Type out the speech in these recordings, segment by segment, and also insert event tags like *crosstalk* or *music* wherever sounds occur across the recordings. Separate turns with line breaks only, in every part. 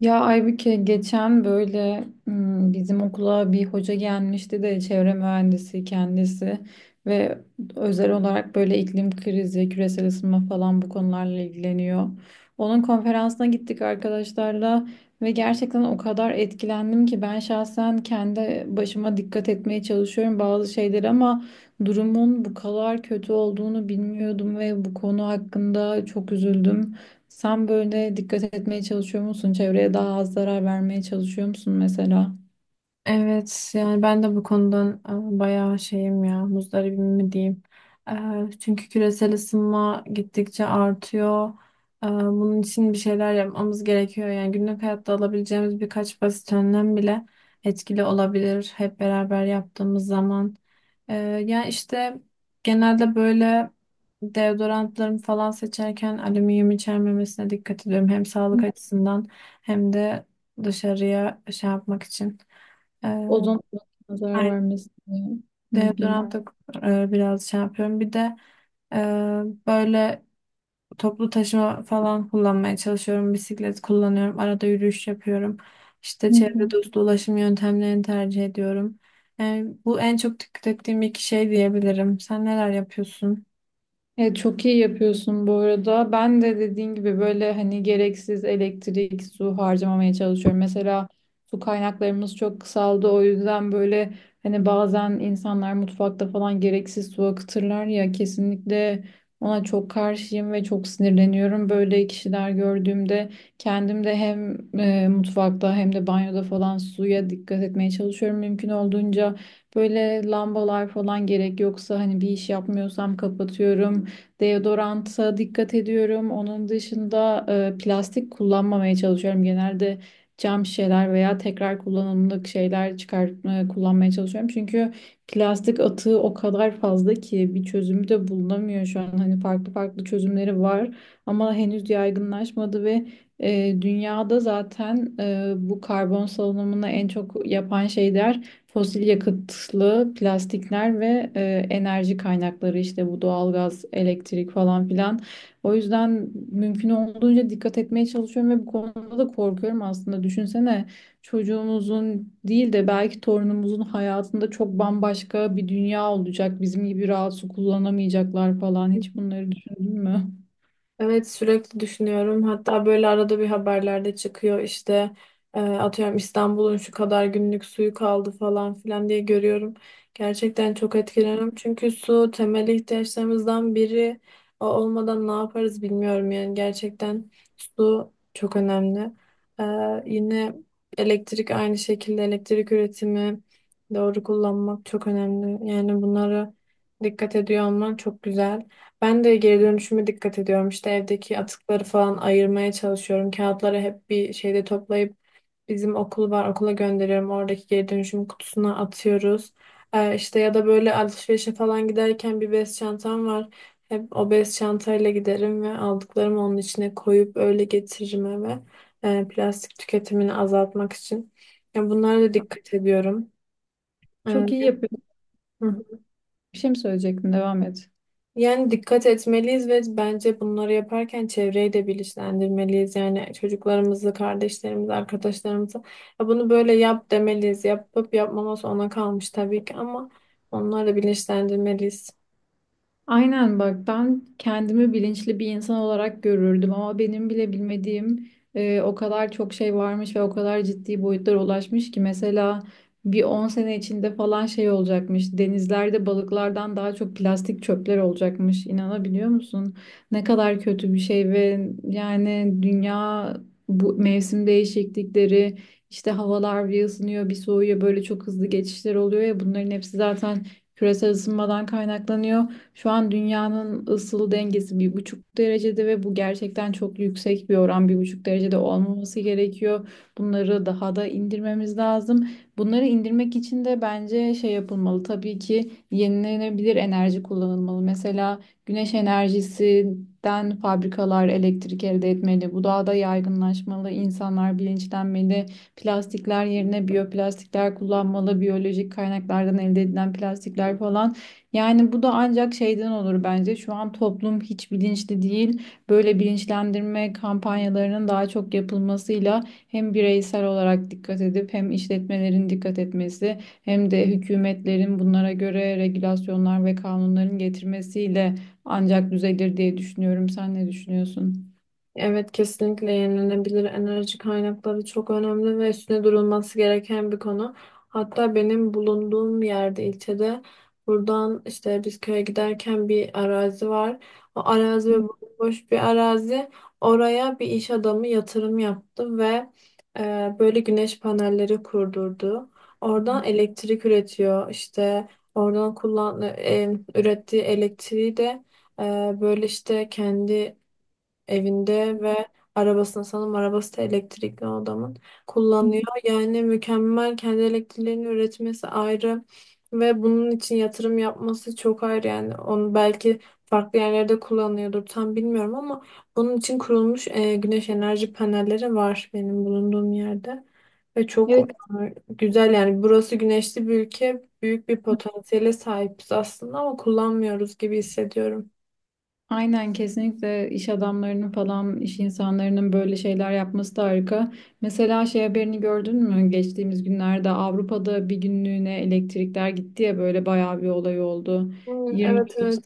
Ya Aybüke geçen böyle bizim okula bir hoca gelmişti de çevre mühendisi kendisi ve özel olarak böyle iklim krizi, küresel ısınma falan bu konularla ilgileniyor. Onun konferansına gittik arkadaşlarla ve gerçekten o kadar etkilendim ki ben şahsen kendi başıma dikkat etmeye çalışıyorum bazı şeyleri ama durumun bu kadar kötü olduğunu bilmiyordum ve bu konu hakkında çok üzüldüm. Sen böyle dikkat etmeye çalışıyor musun? Çevreye daha az zarar vermeye çalışıyor musun mesela?
Evet, yani ben de bu konudan bayağı şeyim ya, muzdaribim mi diyeyim. Çünkü küresel ısınma gittikçe artıyor. Bunun için bir şeyler yapmamız gerekiyor. Yani günlük hayatta alabileceğimiz birkaç basit önlem bile etkili olabilir hep beraber yaptığımız zaman. E, Yani işte genelde böyle deodorantlarımı falan seçerken alüminyum içermemesine dikkat ediyorum. Hem sağlık
Hı.
açısından hem de dışarıya şey yapmak için. Ee,
Ozon tabakasına zarar
Ben
vermesin diye. Hı hı.
deodorant da biraz şey yapıyorum. Bir de e, böyle toplu taşıma falan kullanmaya çalışıyorum. Bisiklet kullanıyorum. Arada yürüyüş yapıyorum. İşte
Hı
çevre
hı.
dostu ulaşım yöntemlerini tercih ediyorum. Yani bu en çok dikkat ettiğim iki şey diyebilirim. Sen neler yapıyorsun?
Evet, çok iyi yapıyorsun bu arada. Ben de dediğin gibi böyle hani gereksiz elektrik, su harcamamaya çalışıyorum. Mesela su kaynaklarımız çok kısaldı. O yüzden böyle hani bazen insanlar mutfakta falan gereksiz su akıtırlar ya kesinlikle ona çok karşıyım ve çok sinirleniyorum. Böyle kişiler gördüğümde kendim de hem mutfakta hem de banyoda falan suya dikkat etmeye çalışıyorum mümkün olduğunca. Böyle lambalar falan gerek yoksa hani bir iş yapmıyorsam kapatıyorum. Deodoranta dikkat ediyorum. Onun dışında plastik kullanmamaya çalışıyorum. Genelde cam şişeler veya tekrar kullanımlık şeyler çıkar kullanmaya çalışıyorum. Çünkü plastik atığı o kadar fazla ki bir çözümü de bulunamıyor şu an. Hani farklı farklı çözümleri var ama henüz yaygınlaşmadı ve dünyada zaten bu karbon salınımını en çok yapan şeyler fosil yakıtlı plastikler ve enerji kaynakları işte bu doğalgaz, elektrik falan filan. O yüzden mümkün olduğunca dikkat etmeye çalışıyorum ve bu konuda da korkuyorum aslında. Düşünsene çocuğumuzun değil de belki torunumuzun hayatında çok bambaşka bir dünya olacak. Bizim gibi rahat su kullanamayacaklar falan. Hiç bunları düşündün mü?
Evet, sürekli düşünüyorum. Hatta böyle arada bir haberlerde çıkıyor işte atıyorum İstanbul'un şu kadar günlük suyu kaldı falan filan diye görüyorum. Gerçekten çok etkileniyorum. Çünkü su temel ihtiyaçlarımızdan biri. O olmadan ne yaparız bilmiyorum, yani gerçekten su çok önemli. E, Yine elektrik, aynı şekilde elektrik üretimi, doğru kullanmak çok önemli. Yani bunlara dikkat ediyor olman çok güzel. Ben de geri dönüşüme dikkat ediyorum. İşte evdeki atıkları falan ayırmaya çalışıyorum. Kağıtları hep bir şeyde toplayıp bizim okul var, okula gönderiyorum. Oradaki geri dönüşüm kutusuna atıyoruz. İşte ya da böyle alışverişe falan giderken bir bez çantam var. Hep o bez çantayla giderim ve aldıklarımı onun içine koyup öyle getiririm eve. Plastik tüketimini azaltmak için. Ya, bunlara da dikkat ediyorum.
Çok iyi
Ee,
yapıyorsun.
hı.
Bir şey mi söyleyecektin? Devam et.
Yani dikkat etmeliyiz ve bence bunları yaparken çevreyi de bilinçlendirmeliyiz. Yani çocuklarımızı, kardeşlerimizi, arkadaşlarımızı "Ya, bunu böyle yap" demeliyiz. Yapıp yapmaması ona kalmış tabii ki, ama onları da bilinçlendirmeliyiz.
Aynen, bak ben kendimi bilinçli bir insan olarak görürdüm ama benim bile bilmediğim o kadar çok şey varmış ve o kadar ciddi boyutlara ulaşmış ki mesela bir 10 sene içinde falan şey olacakmış, denizlerde balıklardan daha çok plastik çöpler olacakmış, inanabiliyor musun? Ne kadar kötü bir şey ve yani dünya, bu mevsim değişiklikleri, işte havalar bir ısınıyor bir soğuyor, böyle çok hızlı geçişler oluyor ya, bunların hepsi zaten küresel ısınmadan kaynaklanıyor. Şu an dünyanın ısıl dengesi 1,5 derecede ve bu gerçekten çok yüksek bir oran. 1,5 derecede olmaması gerekiyor. Bunları daha da indirmemiz lazım. Bunları indirmek için de bence şey yapılmalı. Tabii ki yenilenebilir enerji kullanılmalı. Mesela güneş enerjisinden fabrikalar elektrik elde etmeli. Bu daha da yaygınlaşmalı. İnsanlar bilinçlenmeli. Plastikler yerine biyoplastikler kullanmalı. Biyolojik kaynaklardan elde edilen plastikler falan. Yani bu da ancak şeyden olur bence. Şu an toplum hiç bilinçli değil. Böyle bilinçlendirme kampanyalarının daha çok yapılmasıyla hem bireysel olarak dikkat edip hem işletmelerin dikkat etmesi hem de hükümetlerin bunlara göre regülasyonlar ve kanunların getirmesiyle ancak düzelir diye düşünüyorum. Sen ne düşünüyorsun?
Evet, kesinlikle yenilenebilir enerji kaynakları çok önemli ve üstüne durulması gereken bir konu. Hatta benim bulunduğum yerde, ilçede, buradan işte biz köye giderken bir arazi var. O arazi ve boş bir arazi. Oraya bir iş adamı yatırım yaptı ve böyle güneş panelleri kurdurdu. Oradan elektrik üretiyor. İşte oradan ürettiği elektriği de e, böyle işte kendi evinde ve arabasını, sanırım arabası da elektrikli o adamın, kullanıyor.
*laughs*
Yani mükemmel, kendi elektriklerini üretmesi ayrı ve bunun için yatırım yapması çok ayrı. Yani onu belki farklı yerlerde kullanıyordur, tam bilmiyorum, ama bunun için kurulmuş güneş enerji panelleri var benim bulunduğum yerde ve çok
Evet,
güzel. Yani burası güneşli bir ülke, büyük bir potansiyele sahibiz aslında ama kullanmıyoruz gibi hissediyorum.
aynen, kesinlikle iş adamlarının falan, iş insanlarının böyle şeyler yapması da harika. Mesela şey haberini gördün mü? Geçtiğimiz günlerde Avrupa'da bir günlüğüne elektrikler gitti ya, böyle bayağı bir olay oldu.
Hmm,
20
evet, evet.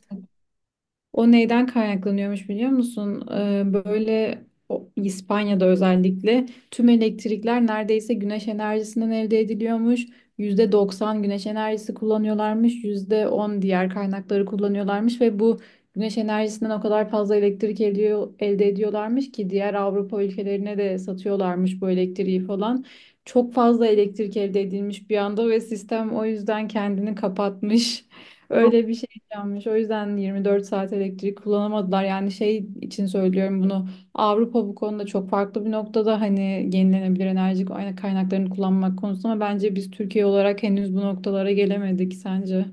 o neyden kaynaklanıyormuş biliyor musun? Böyle İspanya'da özellikle tüm elektrikler neredeyse güneş enerjisinden elde ediliyormuş. %90 güneş enerjisi kullanıyorlarmış, %10 diğer kaynakları kullanıyorlarmış ve bu güneş enerjisinden o kadar fazla elektrik ediyor, elde ediyorlarmış ki diğer Avrupa ülkelerine de satıyorlarmış bu elektriği falan. Çok fazla elektrik elde edilmiş bir anda ve sistem o yüzden kendini kapatmış. *laughs* Öyle bir şey yanmış. O yüzden 24 saat elektrik kullanamadılar. Yani şey için söylüyorum bunu. Avrupa bu konuda çok farklı bir noktada hani, yenilenebilir enerji kaynaklarını kullanmak konusunda, ama bence biz Türkiye olarak henüz bu noktalara gelemedik, sence?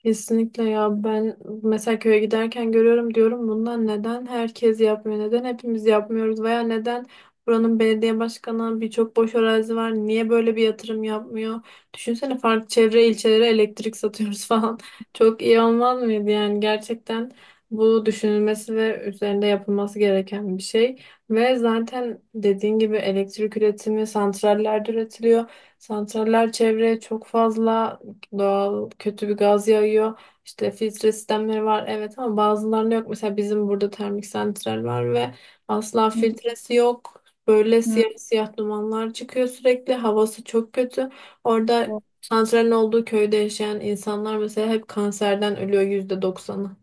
Kesinlikle. Ya ben mesela köye giderken görüyorum, diyorum bundan neden herkes yapmıyor, neden hepimiz yapmıyoruz veya neden buranın belediye başkanı, birçok boş arazi var, niye böyle bir yatırım yapmıyor? Düşünsene, farklı çevre ilçelere elektrik satıyoruz *laughs* falan, çok iyi olmaz mıydı? Yani gerçekten bu, düşünülmesi ve üzerinde yapılması gereken bir şey. Ve zaten dediğin gibi elektrik üretimi santrallerde üretiliyor. Santraller çevreye çok fazla doğal kötü bir gaz yağıyor. İşte filtre sistemleri var, evet, ama bazılarında yok. Mesela bizim burada termik santral var ve asla
Hı
filtresi yok. Böyle
hı.
siyah siyah dumanlar çıkıyor sürekli. Havası çok kötü. Orada santralin olduğu köyde yaşayan insanlar mesela hep kanserden ölüyor, yüzde doksanı.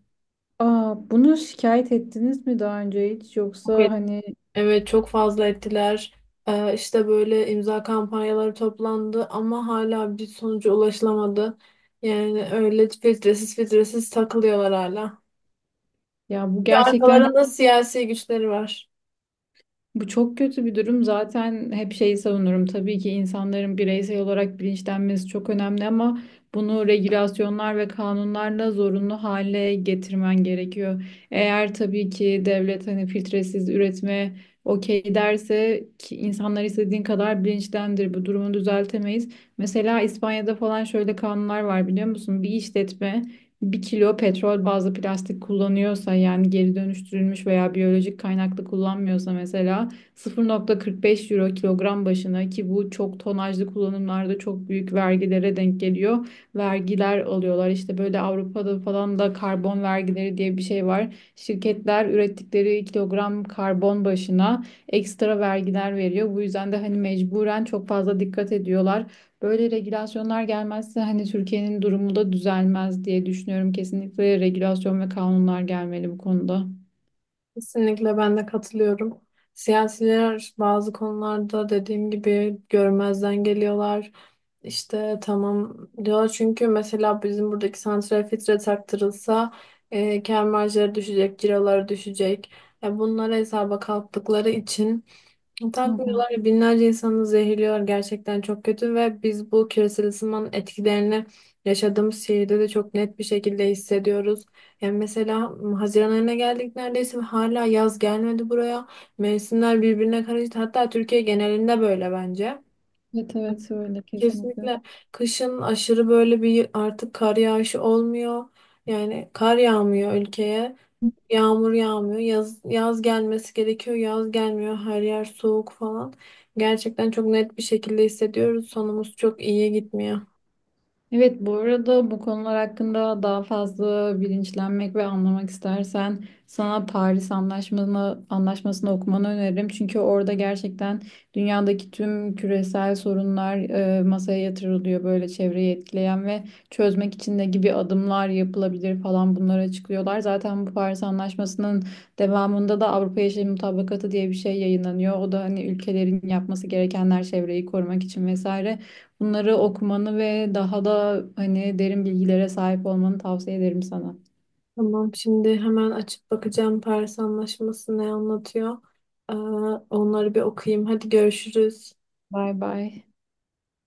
Aa, bunu şikayet ettiniz mi daha önce hiç,
Okey.
yoksa hani
Evet, çok fazla ettiler. İşte böyle imza kampanyaları toplandı ama hala bir sonuca ulaşılamadı. Yani öyle filtresiz filtresiz takılıyorlar hala.
ya bu
Çünkü
gerçekten
arkalarında siyasi güçleri var.
bu çok kötü bir durum. Zaten hep şeyi savunurum. Tabii ki insanların bireysel olarak bilinçlenmesi çok önemli ama bunu regülasyonlar ve kanunlarla zorunlu hale getirmen gerekiyor. Eğer tabii ki devlet hani filtresiz üretime okey derse ki insanlar istediğin kadar bilinçlendir, bu durumu düzeltemeyiz. Mesela İspanya'da falan şöyle kanunlar var biliyor musun? Bir işletme bir kilo petrol bazlı plastik kullanıyorsa, yani geri dönüştürülmüş veya biyolojik kaynaklı kullanmıyorsa mesela 0,45 euro kilogram başına, ki bu çok tonajlı kullanımlarda çok büyük vergilere denk geliyor. Vergiler alıyorlar. İşte böyle Avrupa'da falan da karbon vergileri diye bir şey var. Şirketler ürettikleri kilogram karbon başına ekstra vergiler veriyor. Bu yüzden de hani mecburen çok fazla dikkat ediyorlar. Böyle regülasyonlar gelmezse hani Türkiye'nin durumu da düzelmez diye düşünüyorum. Kesinlikle regülasyon ve kanunlar gelmeli bu konuda.
Kesinlikle, ben de katılıyorum. Siyasiler bazı konularda, dediğim gibi, görmezden geliyorlar. İşte tamam diyor, çünkü mesela bizim buradaki santrale filtre taktırılsa kâr marjları düşecek, ciroları düşecek. Ya bunları hesaba kattıkları için
Hı hı.
takmıyorlar ya, binlerce insanı zehirliyor, gerçekten çok kötü. Ve biz bu küresel ısınmanın etkilerini yaşadığımız şehirde de çok net bir şekilde hissediyoruz. Yani mesela Haziran ayına geldik neredeyse ve hala yaz gelmedi buraya. Mevsimler birbirine karıştı. Hatta Türkiye genelinde böyle bence.
Evet evet, öyle kesinlikle.
Kesinlikle. Kışın aşırı böyle bir, artık kar yağışı olmuyor. Yani kar yağmıyor ülkeye. Yağmur yağmıyor. Yaz, yaz gelmesi gerekiyor. Yaz gelmiyor. Her yer soğuk falan. Gerçekten çok net bir şekilde hissediyoruz. Sonumuz çok iyiye gitmiyor.
Evet, bu arada bu konular hakkında daha fazla bilinçlenmek ve anlamak istersen sana Paris Anlaşması'nı anlaşmasını okumanı öneririm. Çünkü orada gerçekten dünyadaki tüm küresel sorunlar masaya yatırılıyor, böyle çevreyi etkileyen, ve çözmek için ne gibi adımlar yapılabilir falan, bunları açıklıyorlar. Zaten bu Paris Anlaşması'nın devamında da Avrupa Yeşil Mutabakatı diye bir şey yayınlanıyor. O da hani ülkelerin yapması gerekenler çevreyi korumak için vesaire. Bunları okumanı ve daha da hani derin bilgilere sahip olmanı tavsiye ederim sana.
Tamam, şimdi hemen açıp bakacağım Paris Anlaşması ne anlatıyor. Ee, Onları bir okuyayım. Hadi görüşürüz.
Bay bay.